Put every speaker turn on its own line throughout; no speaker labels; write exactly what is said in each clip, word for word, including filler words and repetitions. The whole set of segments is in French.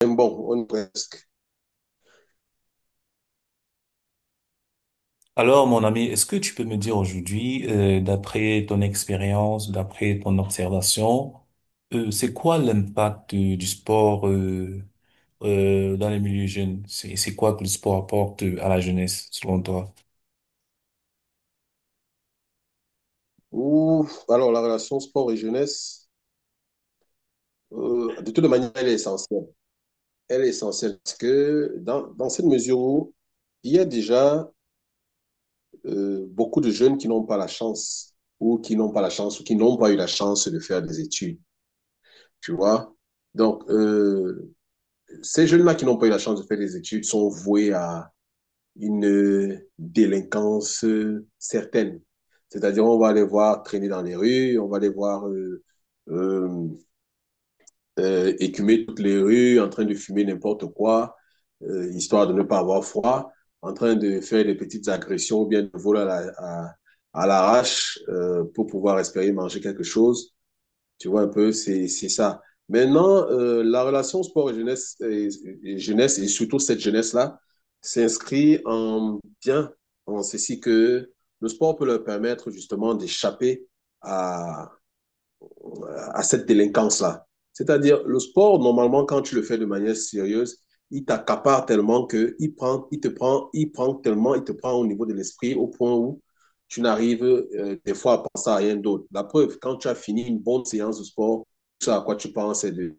Mais bon, on est presque.
Alors, mon ami, est-ce que tu peux me dire aujourd'hui, euh, d'après ton expérience, d'après ton observation, euh, c'est quoi l'impact euh, du sport euh, euh, dans les milieux jeunes? C'est c'est quoi que le sport apporte euh, à la jeunesse, selon toi?
Ouh, alors, la relation sport et jeunesse, euh, de toute manière, elle est essentielle. Elle est essentielle parce que dans, dans cette mesure où il y a déjà euh, beaucoup de jeunes qui n'ont pas la chance ou qui n'ont pas la chance ou qui n'ont pas eu la chance de faire des études, tu vois. Donc, euh, ces jeunes-là qui n'ont pas eu la chance de faire des études sont voués à une délinquance euh, certaine. C'est-à-dire, on va les voir traîner dans les rues, on va les voir euh, euh, euh, écumer toutes les rues, en train de fumer n'importe quoi, euh, histoire de ne pas avoir froid, en train de faire des petites agressions ou bien de voler à l'arrache la, pour pouvoir espérer manger quelque chose. Tu vois un peu, c'est c'est ça. Maintenant, euh, la relation sport et jeunesse, et, et jeunesse, et surtout cette jeunesse-là, s'inscrit en bien, en ceci que le sport peut leur permettre justement d'échapper à cette délinquance-là. C'est-à-dire, le sport, normalement, quand tu le fais de manière sérieuse, il t'accapare tellement que il prend, il te prend, il prend tellement, il te prend au niveau de l'esprit au point où tu n'arrives euh, des fois à penser à rien d'autre. La preuve, quand tu as fini une bonne séance de sport, ce à quoi tu penses, c'est de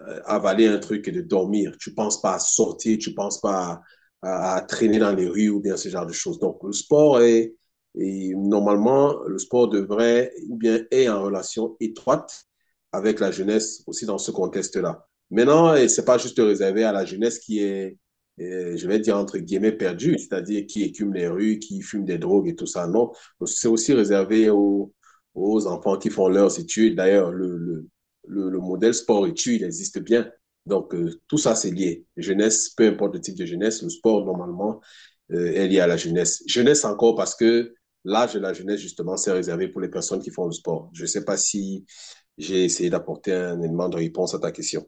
euh, avaler un truc et de dormir. Tu ne penses pas à sortir, tu ne penses pas à, à, à traîner dans les rues ou bien ce genre de choses. Donc, le sport est, et normalement, le sport devrait ou bien est en relation étroite avec la jeunesse aussi dans ce contexte-là. Maintenant, ce n'est pas juste réservé à la jeunesse qui est, euh, je vais dire entre guillemets, perdue, c'est-à-dire qui écume les rues, qui fume des drogues et tout ça. Non, c'est aussi réservé aux, aux enfants qui font leurs études. D'ailleurs, le, le, le, le modèle sport-études, il existe bien. Donc, euh, tout ça, c'est lié. Jeunesse, peu importe le type de jeunesse, le sport, normalement, euh, est lié à la jeunesse. Jeunesse encore parce que l'âge de la jeunesse, justement, c'est réservé pour les personnes qui font du sport. Je ne sais pas si j'ai essayé d'apporter un élément de réponse à ta question.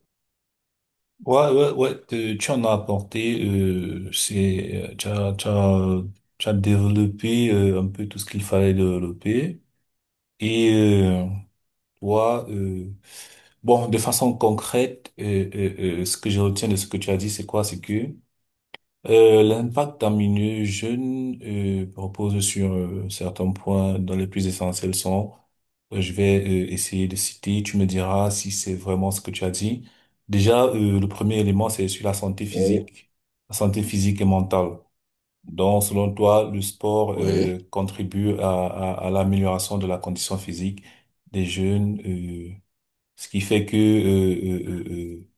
Ouais, ouais, ouais, euh, tu en as apporté, euh, c'est, euh, tu as, tu as, tu as développé euh, un peu tout ce qu'il fallait développer. Et Toi, euh, bon, de façon concrète, euh, euh, euh, ce que je retiens de ce que tu as dit, c'est quoi? C'est que euh, l'impact d'un milieu jeune euh, repose sur euh, certains points dont les plus essentiels sont, euh, je vais euh, essayer de citer, tu me diras si c'est vraiment ce que tu as dit. Déjà, euh, le premier élément, c'est sur la santé
Oui,
physique, la santé physique et mentale. Donc, selon toi, le sport
oui,
euh, contribue à, à, à l'amélioration de la condition physique des jeunes. Euh, ce qui fait que euh, euh,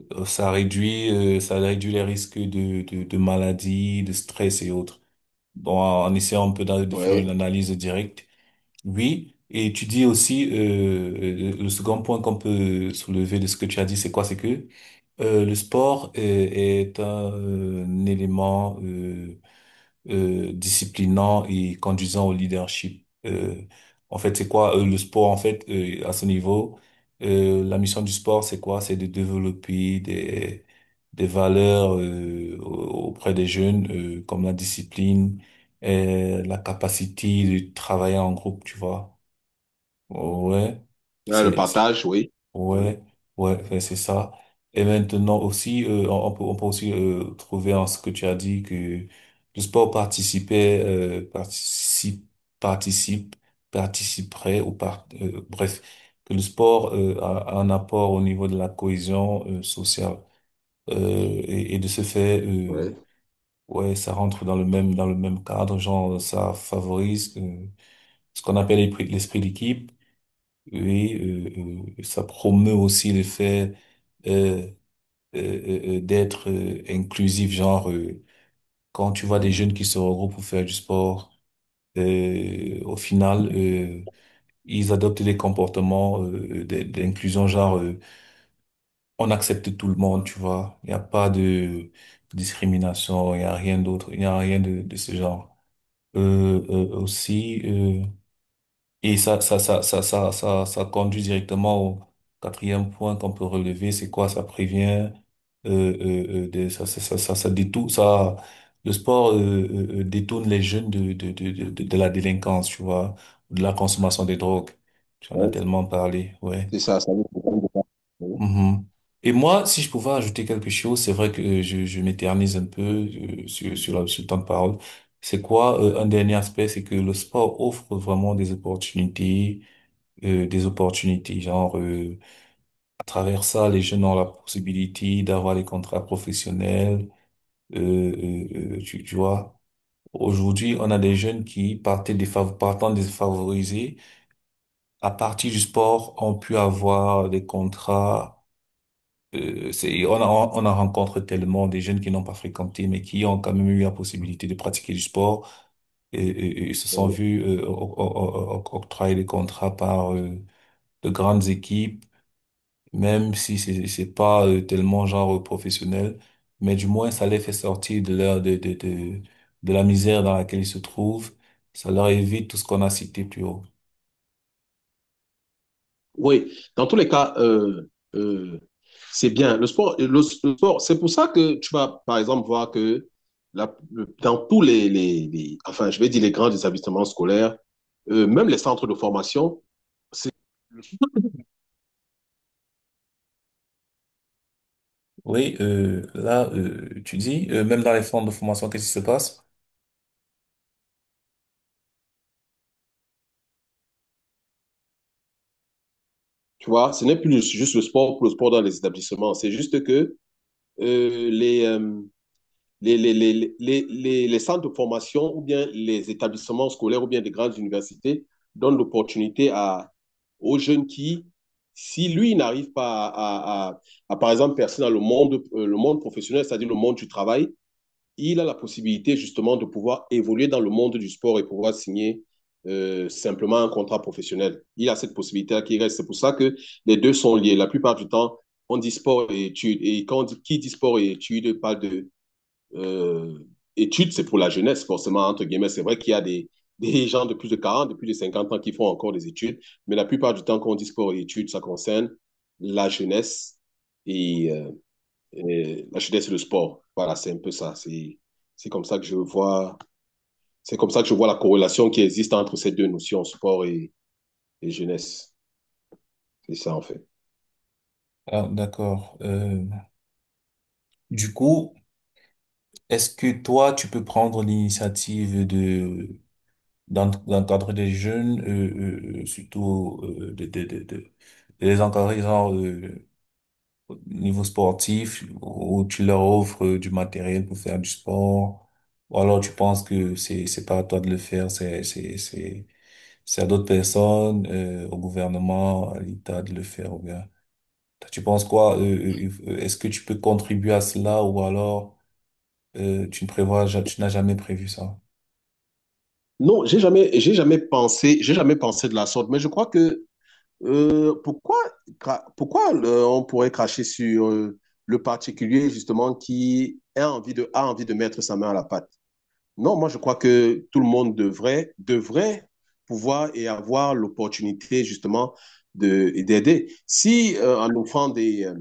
euh, euh, Ça réduit, euh, ça réduit les risques de, de, de maladies, de stress et autres. Bon, en essayant un peu d'a- de faire une
oui.
analyse directe. Oui, et tu dis aussi, euh, euh, le second point qu'on peut soulever de ce que tu as dit, c'est quoi? C'est que euh, le sport euh, est un, euh, un élément euh, euh, disciplinant et conduisant au leadership. Euh, en fait, c'est quoi euh, le sport? En fait, euh, à ce niveau, euh, la mission du sport, c'est quoi? C'est de développer des des valeurs euh, au- auprès des jeunes, euh, comme la discipline, euh, la capacité de travailler en groupe, tu vois. Ouais,
Là, le
c'est
partage, oui. Oui.
Ouais, ouais, ouais, c'est ça. Et maintenant aussi, euh, on on peut, on peut aussi euh, trouver en ce que tu as dit que le sport participait, euh, participe, participe, participerait ou par, euh, bref, que le sport euh, a, a un apport au niveau de la cohésion euh, sociale. Euh, et, et de ce fait, euh,
Oui.
ouais, ça rentre dans le même dans le même cadre, genre ça favorise euh, ce qu'on appelle l'esprit l'esprit d'équipe. Oui, euh, euh, ça promeut aussi l'effet euh, euh, euh, euh, d'être euh, inclusif, genre, euh, quand tu vois des jeunes qui se regroupent pour faire du sport, euh, au final, euh, ils adoptent des comportements euh, d'- d'inclusion, genre, euh, on accepte tout le monde, tu vois, il n'y a pas de discrimination, il n'y a rien d'autre, il n'y a rien de, de ce genre. Euh, euh, aussi, euh, Et ça, ça, ça, ça, ça, ça, ça conduit directement au quatrième point qu'on peut relever, c'est quoi? Ça prévient, euh, euh, euh, des- ça, ça, ça, ça, ça détourne, ça, le sport, euh, euh, euh, détourne les jeunes de, de, de, de, de de la délinquance, tu vois, ou de la consommation des drogues. Tu en as
Ouais,
tellement parlé, ouais.
c'est ça, ça veut dire qu'on doit- oui,
Mhm. Et moi, si je pouvais ajouter quelque chose, c'est vrai que euh, je, je m'éternise un peu euh, sur, sur, la- sur le temps de parole. C'est quoi, euh, un dernier aspect, c'est que le sport offre vraiment des opportunités, euh, des opportunités. Genre, euh, à travers ça, les jeunes ont la possibilité d'avoir des contrats professionnels. Euh, euh, euh, tu, tu vois, aujourd'hui, on a des jeunes qui partaient défav- partant défavorisés. À partir du sport, ont pu avoir des contrats. Euh, c'est, on a, on a rencontré tellement des jeunes qui n'ont pas fréquenté, mais qui ont quand même eu la possibilité de pratiquer du sport et, et- et se sont
oui.
vus euh, o- o- o- o- octroyer des contrats par euh, de grandes équipes, même si c'est c'est pas euh, tellement genre euh, professionnel, mais du moins ça les fait sortir de leur de de de de la misère dans laquelle ils se trouvent. Ça leur évite tout ce qu'on a cité plus haut.
Oui, dans tous les cas, euh, euh, c'est bien. Le sport, le, le sport, c'est pour ça que tu vas, par exemple, voir que la- le- dans tous les, les- les- enfin, je vais dire les grands établissements scolaires, euh, même les centres de formation, c'est,
Oui, euh, là euh, tu dis, euh, même dans les centres de formation, qu'est-ce qui se passe?
tu vois, ce n'est plus juste le sport pour le sport dans les établissements. C'est juste que euh, les, euh, les, les, les, les, les les centres de formation ou bien les établissements scolaires ou bien des grandes universités donnent l'opportunité à, aux jeunes qui, si lui n'arrive pas à, à, à, à, par exemple, percer dans le monde, euh, le monde professionnel, c'est-à-dire le monde du travail, il a la possibilité justement de pouvoir évoluer dans le monde du sport et pouvoir signer euh, simplement un contrat professionnel. Il a cette possibilité-là qui reste. C'est pour ça que les deux sont liés. La plupart du temps, on dit sport et études. Et quand on dit, qui dit sport et études, parle de euh, études, c'est pour la jeunesse, forcément, entre guillemets. C'est vrai qu'il y a des, des gens de plus de quarante, de plus de cinquante ans qui font encore des études, mais la plupart du temps, quand on dit sport et études, ça concerne la jeunesse et, euh, et la jeunesse et le sport. Voilà, c'est un peu ça. C'est, c'est comme ça que je vois, c'est comme ça que je vois la corrélation qui existe entre ces deux notions, sport et, et jeunesse. C'est ça, en fait.
Ah, d'accord. Euh, du coup, est-ce que toi tu peux prendre l'initiative de d'en- d'encadrer des jeunes, euh, euh, euh, surtout, euh, de, de, de, de, de les encadrer genre euh, au niveau sportif, où tu leur offres euh, du matériel pour faire du sport, ou alors tu penses que c'est c'est pas à toi de le faire, c'est c'est c'est c'est à d'autres personnes, euh, au gouvernement, à l'État de le faire, ou bien toi, tu penses quoi? Euh, euh, euh, est-ce que tu peux contribuer à cela, ou alors euh, tu ne prévois, ja- tu n'as jamais prévu ça.
Non, j'ai jamais, j'ai jamais pensé, j'ai jamais pensé de la sorte, mais je crois que Euh, pourquoi cra- pourquoi euh, on pourrait cracher sur euh, le particulier justement qui a envie de, a envie de mettre sa main à la pâte? Non, moi je crois que tout le monde devrait, devrait pouvoir et avoir l'opportunité justement de, et d'aider. Si euh, en offrant des, euh,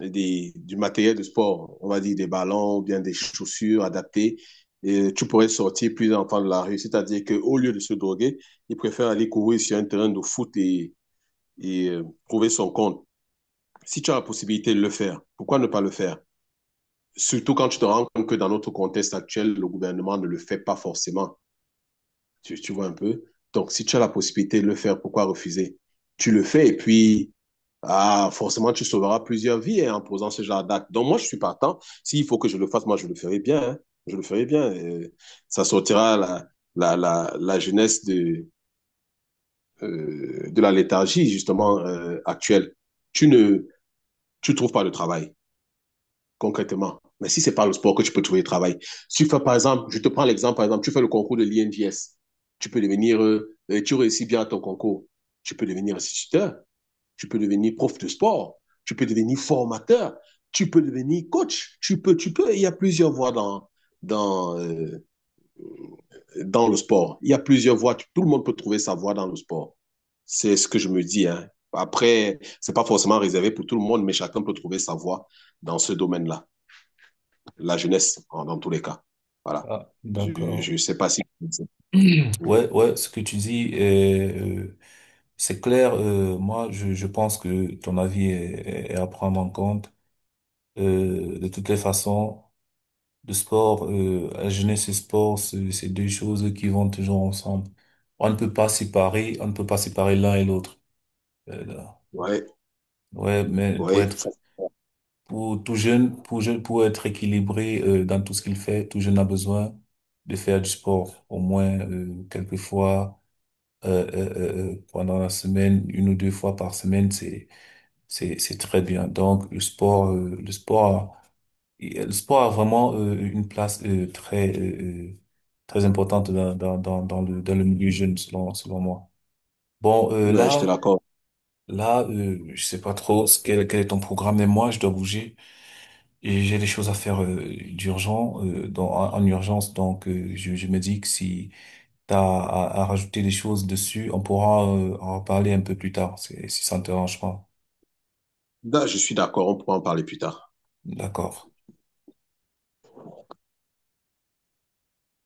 des, du matériel de sport, on va dire des ballons ou bien des chaussures adaptées, euh, tu pourrais sortir plus d'enfants de la rue. C'est-à-dire qu'au lieu de se droguer, ils préfèrent aller courir sur un terrain de foot et et euh, trouver son compte. Si tu as la possibilité de le faire, pourquoi ne pas le faire? Surtout quand tu te rends compte que dans notre contexte actuel, le gouvernement ne le fait pas forcément. Tu, tu vois un peu? Donc, si tu as la possibilité de le faire, pourquoi refuser? Tu le fais et puis, ah, forcément, tu sauveras plusieurs vies hein, en posant ce genre d'acte. Donc, moi, je suis partant. S'il faut que je le fasse, moi, je le ferai bien. Hein. Je le ferai bien. Euh, ça sortira la, la, la, la jeunesse de, euh, de la léthargie, justement, euh, actuelle. Tu ne, tu trouves pas de travail concrètement. Mais si c'est pas le sport que tu peux trouver du travail, si tu fais par exemple, je te prends l'exemple, par exemple, tu fais le concours de l'I N G S, tu peux devenir, euh, tu réussis bien à ton concours, tu peux devenir instituteur, tu peux devenir prof de sport, tu peux devenir formateur, tu peux devenir coach, tu peux, tu peux, il y a plusieurs voies dans, dans, euh, dans le sport. Il y a plusieurs voies, tout le monde peut trouver sa voie dans le sport. C'est ce que je me dis. Hein. Après, c'est pas forcément réservé pour tout le monde, mais chacun peut trouver sa voie dans ce domaine-là la jeunesse, en- dans tous les cas. Voilà.
Ah,
Je
d'accord.
ne sais pas si...
Ouais, ouais, ce que tu dis, est, euh, c'est clair. Euh, moi, je, je pense que ton avis est, est- est à prendre en compte. Euh, de toutes les façons. Le sport, euh, la jeunesse et sport, c'est c'est deux choses qui vont toujours ensemble. On ne peut pas séparer, on ne peut pas séparer l'un et l'autre. Euh, là.
Oui,
Ouais, mais pour
oui, ça-
être, pour tout jeune, pour jeune, pour être équilibré, euh, dans tout ce qu'il fait, tout jeune a besoin de faire du sport au moins, euh, quelques fois, euh, euh, euh, euh, pendant la semaine, une ou deux fois par semaine, c'est, c'est, c'est très bien. Donc, le sport, euh, le sport, Et, euh, Le sport a vraiment euh, une place euh, très euh, euh, très importante dans dans dans dans le dans le milieu jeune, selon selon moi. Bon, euh,
ouais, je te
là
l'accorde.
là euh, je sais pas trop ce quel quel est ton programme, mais moi je dois bouger et j'ai des choses à faire euh, d'urgent, euh, dans en, en urgence, donc, euh, je je me dis que si t'as à, à rajouter des choses dessus, on pourra euh, en reparler un peu plus tard, si si ça ne te dérange pas.
Da- Je suis d'accord, on pourra en parler plus tard.
D'accord.